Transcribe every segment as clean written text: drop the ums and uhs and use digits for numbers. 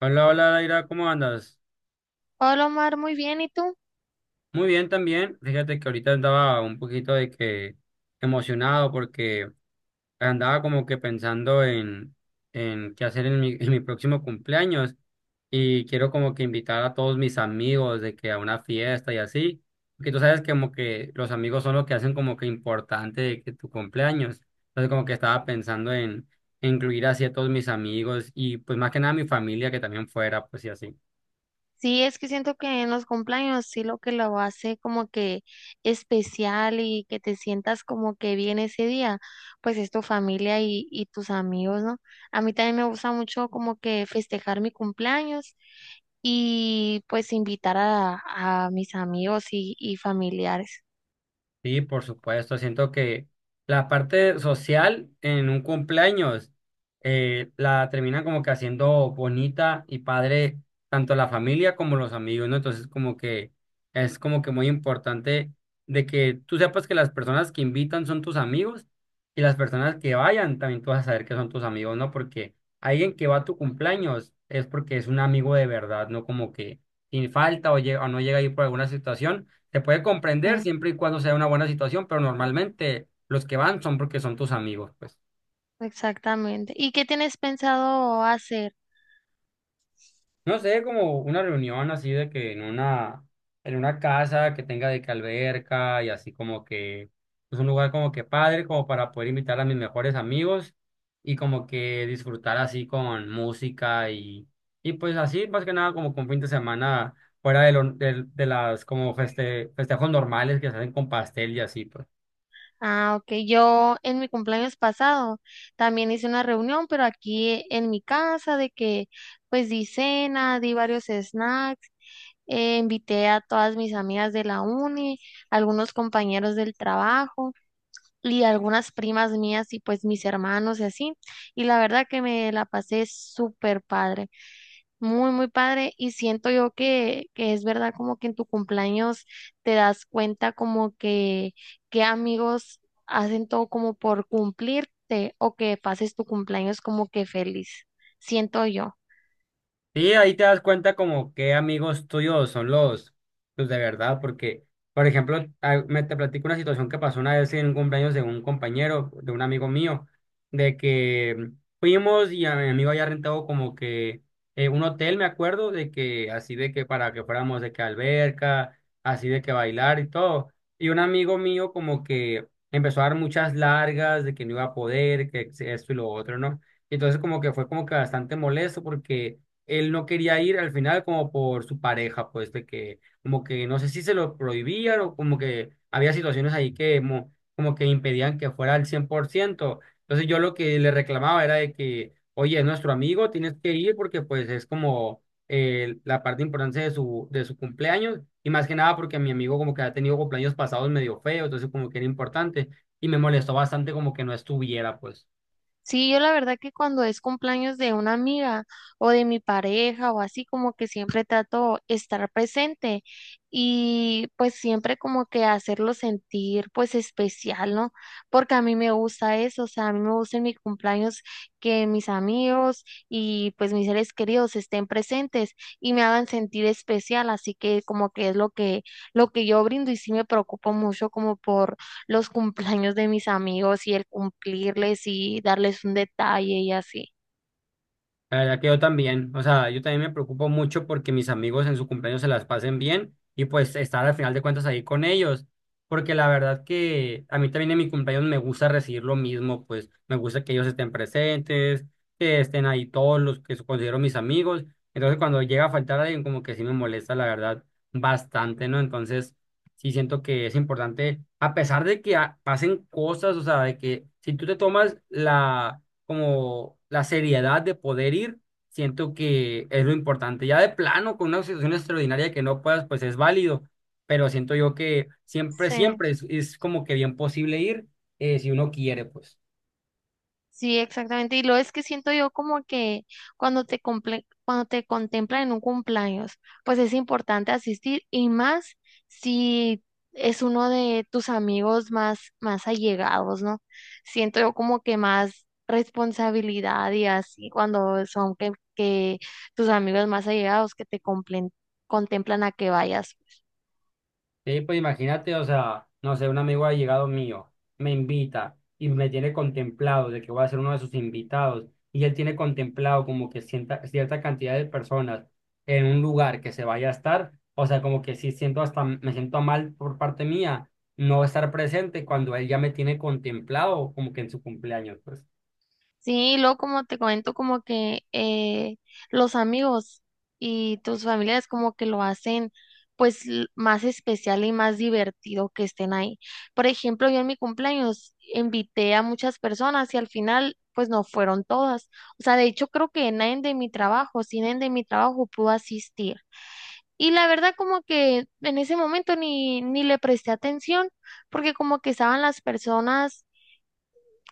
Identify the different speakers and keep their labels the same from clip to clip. Speaker 1: Hola, hola, Daira, ¿cómo andas?
Speaker 2: Hola Omar, muy bien, ¿y tú?
Speaker 1: Muy bien también. Fíjate que ahorita andaba un poquito de que emocionado porque andaba como que pensando en qué hacer en mi próximo cumpleaños y quiero como que invitar a todos mis amigos de que a una fiesta y así, porque tú sabes que como que los amigos son lo que hacen como que importante de que tu cumpleaños. Entonces como que estaba pensando en incluir así a todos mis amigos y pues más que nada a mi familia que también fuera, pues y así.
Speaker 2: Sí, es que siento que en los cumpleaños sí lo que lo hace como que especial y que te sientas como que bien ese día, pues es tu familia y tus amigos, ¿no? A mí también me gusta mucho como que festejar mi cumpleaños y pues invitar a mis amigos y familiares.
Speaker 1: Sí, por supuesto. Siento que la parte social en un cumpleaños la terminan como que haciendo bonita y padre tanto la familia como los amigos, ¿no? Entonces como que es como que muy importante de que tú sepas que las personas que invitan son tus amigos y las personas que vayan también tú vas a saber que son tus amigos, ¿no? Porque alguien que va a tu cumpleaños es porque es un amigo de verdad, ¿no? Como que sin falta o, llega, o no llega ahí por alguna situación se puede comprender
Speaker 2: Sí,
Speaker 1: siempre y cuando sea una buena situación, pero normalmente los que van son porque son tus amigos, pues.
Speaker 2: exactamente. ¿Y qué tienes pensado hacer?
Speaker 1: No sé, como una reunión así de que en una casa que tenga de que alberca y así como que es un lugar como que padre, como para poder invitar a mis mejores amigos y como que disfrutar así con música y pues así más que nada como con fin de semana fuera de, de las como festejos normales que se hacen con pastel y así, pues.
Speaker 2: Ah, ok. Yo en mi cumpleaños pasado también hice una reunión, pero aquí en mi casa, de que pues di cena, di varios snacks, invité a todas mis amigas de la uni, algunos compañeros del trabajo y algunas primas mías y pues mis hermanos y así. Y la verdad que me la pasé súper padre. Muy, muy padre. Y siento yo que es verdad como que en tu cumpleaños te das cuenta como que amigos hacen todo como por cumplirte o que pases tu cumpleaños como que feliz. Siento yo.
Speaker 1: Sí, ahí te das cuenta como qué amigos tuyos son los de verdad, porque, por ejemplo, me te platico una situación que pasó una vez en un cumpleaños de un compañero, de un amigo mío, de que fuimos y a mi amigo había rentado como que un hotel, me acuerdo, de que así de que para que fuéramos de que alberca, así de que bailar y todo. Y un amigo mío como que empezó a dar muchas largas de que no iba a poder, que esto y lo otro, ¿no? Y entonces como que fue como que bastante molesto porque él no quería ir al final como por su pareja, pues de que como que no sé si se lo prohibían o como que había situaciones ahí que que impedían que fuera al 100%. Entonces yo lo que le reclamaba era de que, oye, es nuestro amigo, tienes que ir porque pues es como la parte importante de su cumpleaños y más que nada porque mi amigo como que ha tenido cumpleaños pasados medio feos, entonces como que era importante y me molestó bastante como que no estuviera, pues.
Speaker 2: Sí, yo la verdad que cuando es cumpleaños de una amiga o de mi pareja o así, como que siempre trato estar presente y pues siempre como que hacerlo sentir pues especial, ¿no? Porque a mí me gusta eso, o sea, a mí me gusta en mi cumpleaños que mis amigos y pues mis seres queridos estén presentes y me hagan sentir especial, así que como que es lo que yo brindo y sí me preocupo mucho como por los cumpleaños de mis amigos y el cumplirles y darles un detalle y así.
Speaker 1: La verdad que yo también, o sea, yo también me preocupo mucho porque mis amigos en su cumpleaños se las pasen bien y pues estar al final de cuentas ahí con ellos, porque la verdad que a mí también en mi cumpleaños me gusta recibir lo mismo, pues me gusta que ellos estén presentes, que estén ahí todos los que considero mis amigos, entonces cuando llega a faltar alguien como que sí me molesta la verdad bastante, ¿no? Entonces sí siento que es importante, a pesar de que pasen cosas, o sea, de que si tú te tomas la como la seriedad de poder ir, siento que es lo importante. Ya de plano, con una situación extraordinaria que no puedas, pues es válido, pero siento yo que
Speaker 2: Sí,
Speaker 1: siempre es como que bien posible ir si uno quiere, pues.
Speaker 2: sí, exactamente. Y lo es que siento yo como que cuando te comple- cuando te contemplan en un cumpleaños, pues es importante asistir y más si es uno de tus amigos más más allegados, ¿no? Siento yo como que más responsabilidad y así cuando son que tus amigos más allegados que te complen- contemplan a que vayas. Pues.
Speaker 1: Sí, pues imagínate, o sea, no sé, un amigo allegado mío me invita y me tiene contemplado de que voy a ser uno de sus invitados y él tiene contemplado como que sienta, cierta cantidad de personas en un lugar que se vaya a estar, o sea, como que sí siento hasta, me siento mal por parte mía no estar presente cuando él ya me tiene contemplado como que en su cumpleaños, pues.
Speaker 2: Sí, y luego como te comento, como que los amigos y tus familiares como que lo hacen pues l- más especial y más divertido que estén ahí. Por ejemplo, yo en mi cumpleaños invité a muchas personas y al final pues no fueron todas. O sea, de hecho creo que nadie de mi trabajo, si nadie de mi trabajo pudo asistir. Y la verdad como que en ese momento ni le presté atención porque como que estaban las personas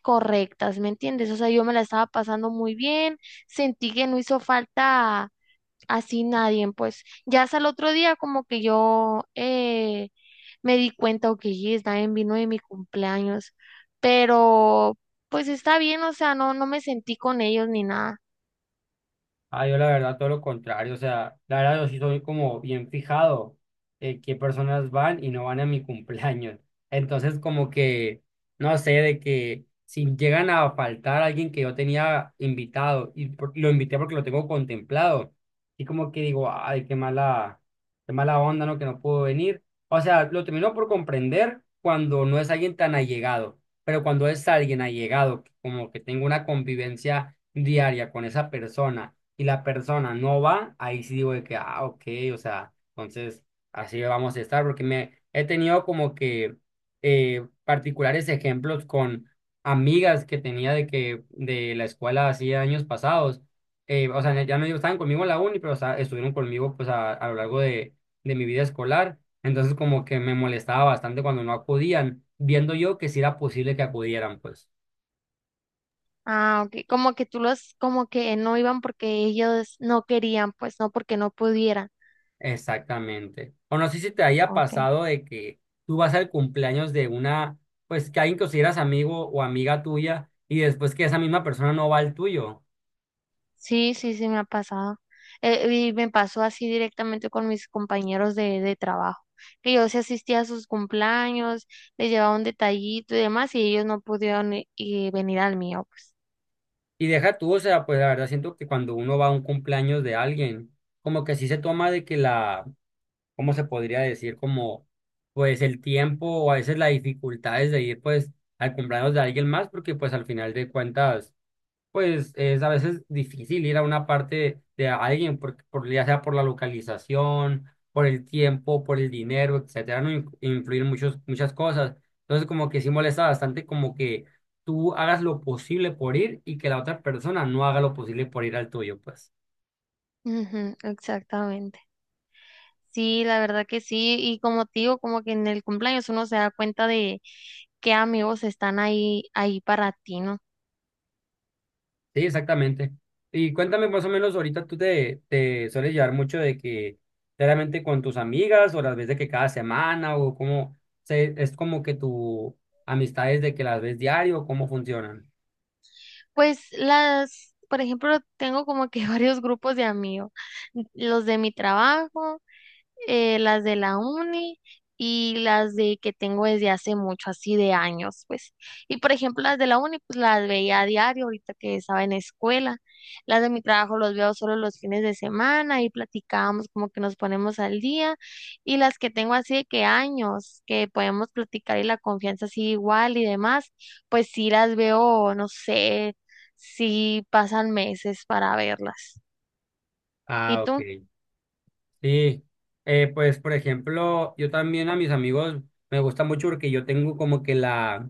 Speaker 2: correctas, ¿me entiendes? O sea, yo me la estaba pasando muy bien, sentí que no hizo falta así nadie, pues ya hasta el otro día como que yo me di cuenta, ok, yes, nadie vino de mi cumpleaños, pero pues está bien, o sea, no, no me sentí con ellos ni nada.
Speaker 1: Ah, yo la verdad todo lo contrario, o sea, la verdad yo sí soy como bien fijado qué personas van y no van a mi cumpleaños. Entonces como que, no sé, de que si llegan a faltar alguien que yo tenía invitado y lo invité porque lo tengo contemplado, y como que digo, ay, qué mala onda, ¿no? Que no pudo venir. O sea, lo termino por comprender cuando no es alguien tan allegado, pero cuando es alguien allegado, como que tengo una convivencia diaria con esa persona y la persona no va, ahí sí digo de que, ah, ok, o sea, entonces así vamos a estar, porque me he tenido como que particulares ejemplos con amigas que tenía de que de la escuela hacía años pasados, o sea, ya no digo, estaban conmigo en la uni, pero o sea, estuvieron conmigo pues a lo largo de mi vida escolar, entonces como que me molestaba bastante cuando no acudían, viendo yo que sí era posible que acudieran, pues.
Speaker 2: Ah, ok, como que tú los, como que no iban porque ellos no querían, pues no porque no pudieran.
Speaker 1: Exactamente. O no sé si te haya
Speaker 2: Ok.
Speaker 1: pasado de que tú vas al cumpleaños de una, pues que alguien que consideras amigo o amiga tuya y después que esa misma persona no va al tuyo.
Speaker 2: Sí, sí, sí, me ha pasado. Y me pasó así directamente con mis compañeros de trabajo, que yo sí asistía a sus cumpleaños, les llevaba un detallito y demás, y ellos no pudieron i- y venir al mío, pues.
Speaker 1: Y deja tú, o sea, pues la verdad siento que cuando uno va a un cumpleaños de alguien, como que sí se toma de que la, ¿cómo se podría decir? Como, pues el tiempo o a veces las dificultades de ir pues al cumpleaños de alguien más, porque pues al final de cuentas pues es a veces difícil ir a una parte de alguien, por, ya sea por la localización, por el tiempo, por el dinero, etcétera, no influir muchas cosas. Entonces, como que sí molesta bastante como que tú hagas lo posible por ir y que la otra persona no haga lo posible por ir al tuyo, pues.
Speaker 2: Ujú, exactamente. Sí, la verdad que sí, y como te digo, como que en el cumpleaños uno se da cuenta de qué amigos están ahí, ahí para ti, ¿no?
Speaker 1: Sí, exactamente. Y cuéntame más o menos, ahorita te sueles llevar mucho de que claramente con tus amigas o las ves de que cada semana o cómo es como que tu amistad es de que las ves diario, cómo funcionan.
Speaker 2: Pues las, por ejemplo, tengo como que varios grupos de amigos, los de mi trabajo. Eh, las de la uni y las de que tengo desde hace mucho, así de años, pues. Y por ejemplo, las de la uni, pues las veía a diario, ahorita que estaba en escuela. Las de mi trabajo los veo solo los fines de semana y platicamos como que nos ponemos al día. Y las que tengo así de que años, que podemos platicar y la confianza así igual y demás, pues sí las veo, no sé, si pasan meses para verlas. ¿Y
Speaker 1: Ah, ok.
Speaker 2: tú?
Speaker 1: Sí. Pues por ejemplo, yo también a mis amigos me gusta mucho porque yo tengo como que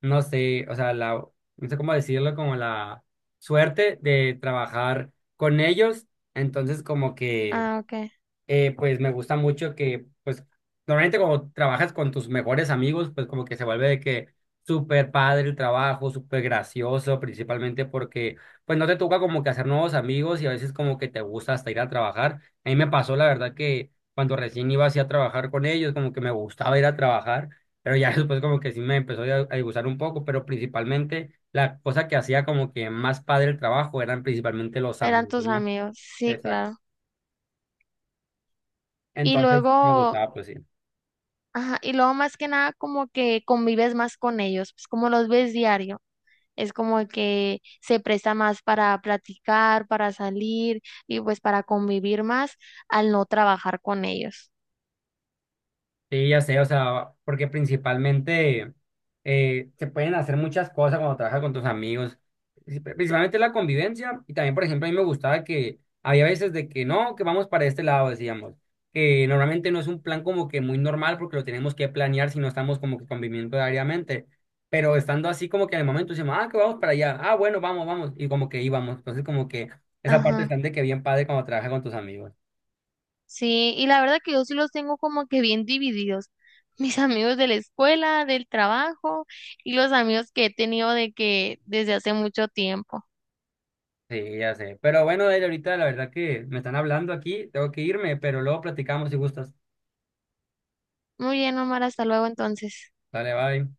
Speaker 1: no sé, o sea, no sé cómo decirlo, como la suerte de trabajar con ellos. Entonces como que...
Speaker 2: Ah, ok.
Speaker 1: pues me gusta mucho que, pues, normalmente cuando trabajas con tus mejores amigos, pues como que se vuelve de que súper padre el trabajo, súper gracioso, principalmente porque, pues, no te toca como que hacer nuevos amigos y a veces como que te gusta hasta ir a trabajar. A mí me pasó, la verdad, que cuando recién iba así a trabajar con ellos, como que me gustaba ir a trabajar, pero ya después como que sí me empezó a gustar un poco, pero principalmente la cosa que hacía como que más padre el trabajo eran principalmente los
Speaker 2: Eran
Speaker 1: amigos,
Speaker 2: tus
Speaker 1: ¿no?
Speaker 2: amigos. Sí,
Speaker 1: Exacto.
Speaker 2: claro. Y
Speaker 1: Entonces me
Speaker 2: luego,
Speaker 1: gustaba, pues sí.
Speaker 2: ajá, y luego más que nada como que convives más con ellos, pues como los ves diario, es como que se presta más para platicar, para salir y pues para convivir más al no trabajar con ellos.
Speaker 1: Sí, ya sé, o sea, porque principalmente se pueden hacer muchas cosas cuando trabajas con tus amigos, principalmente la convivencia y también, por ejemplo, a mí me gustaba que había veces de que no, que vamos para este lado, decíamos, que normalmente no es un plan como que muy normal porque lo tenemos que planear si no estamos como que conviviendo diariamente, pero estando así como que en el momento decimos, ah, que vamos para allá, ah, bueno, vamos, y como que íbamos, entonces como que esa parte
Speaker 2: Ajá.
Speaker 1: están de que bien padre cuando trabajas con tus amigos.
Speaker 2: Sí, y la verdad que yo sí los tengo como que bien divididos. Mis amigos de la escuela, del trabajo y los amigos que he tenido de que desde hace mucho tiempo.
Speaker 1: Sí, ya sé. Pero bueno, él ahorita la verdad que me están hablando aquí, tengo que irme, pero luego platicamos si gustas.
Speaker 2: Muy bien, Omar, hasta luego entonces.
Speaker 1: Dale, bye.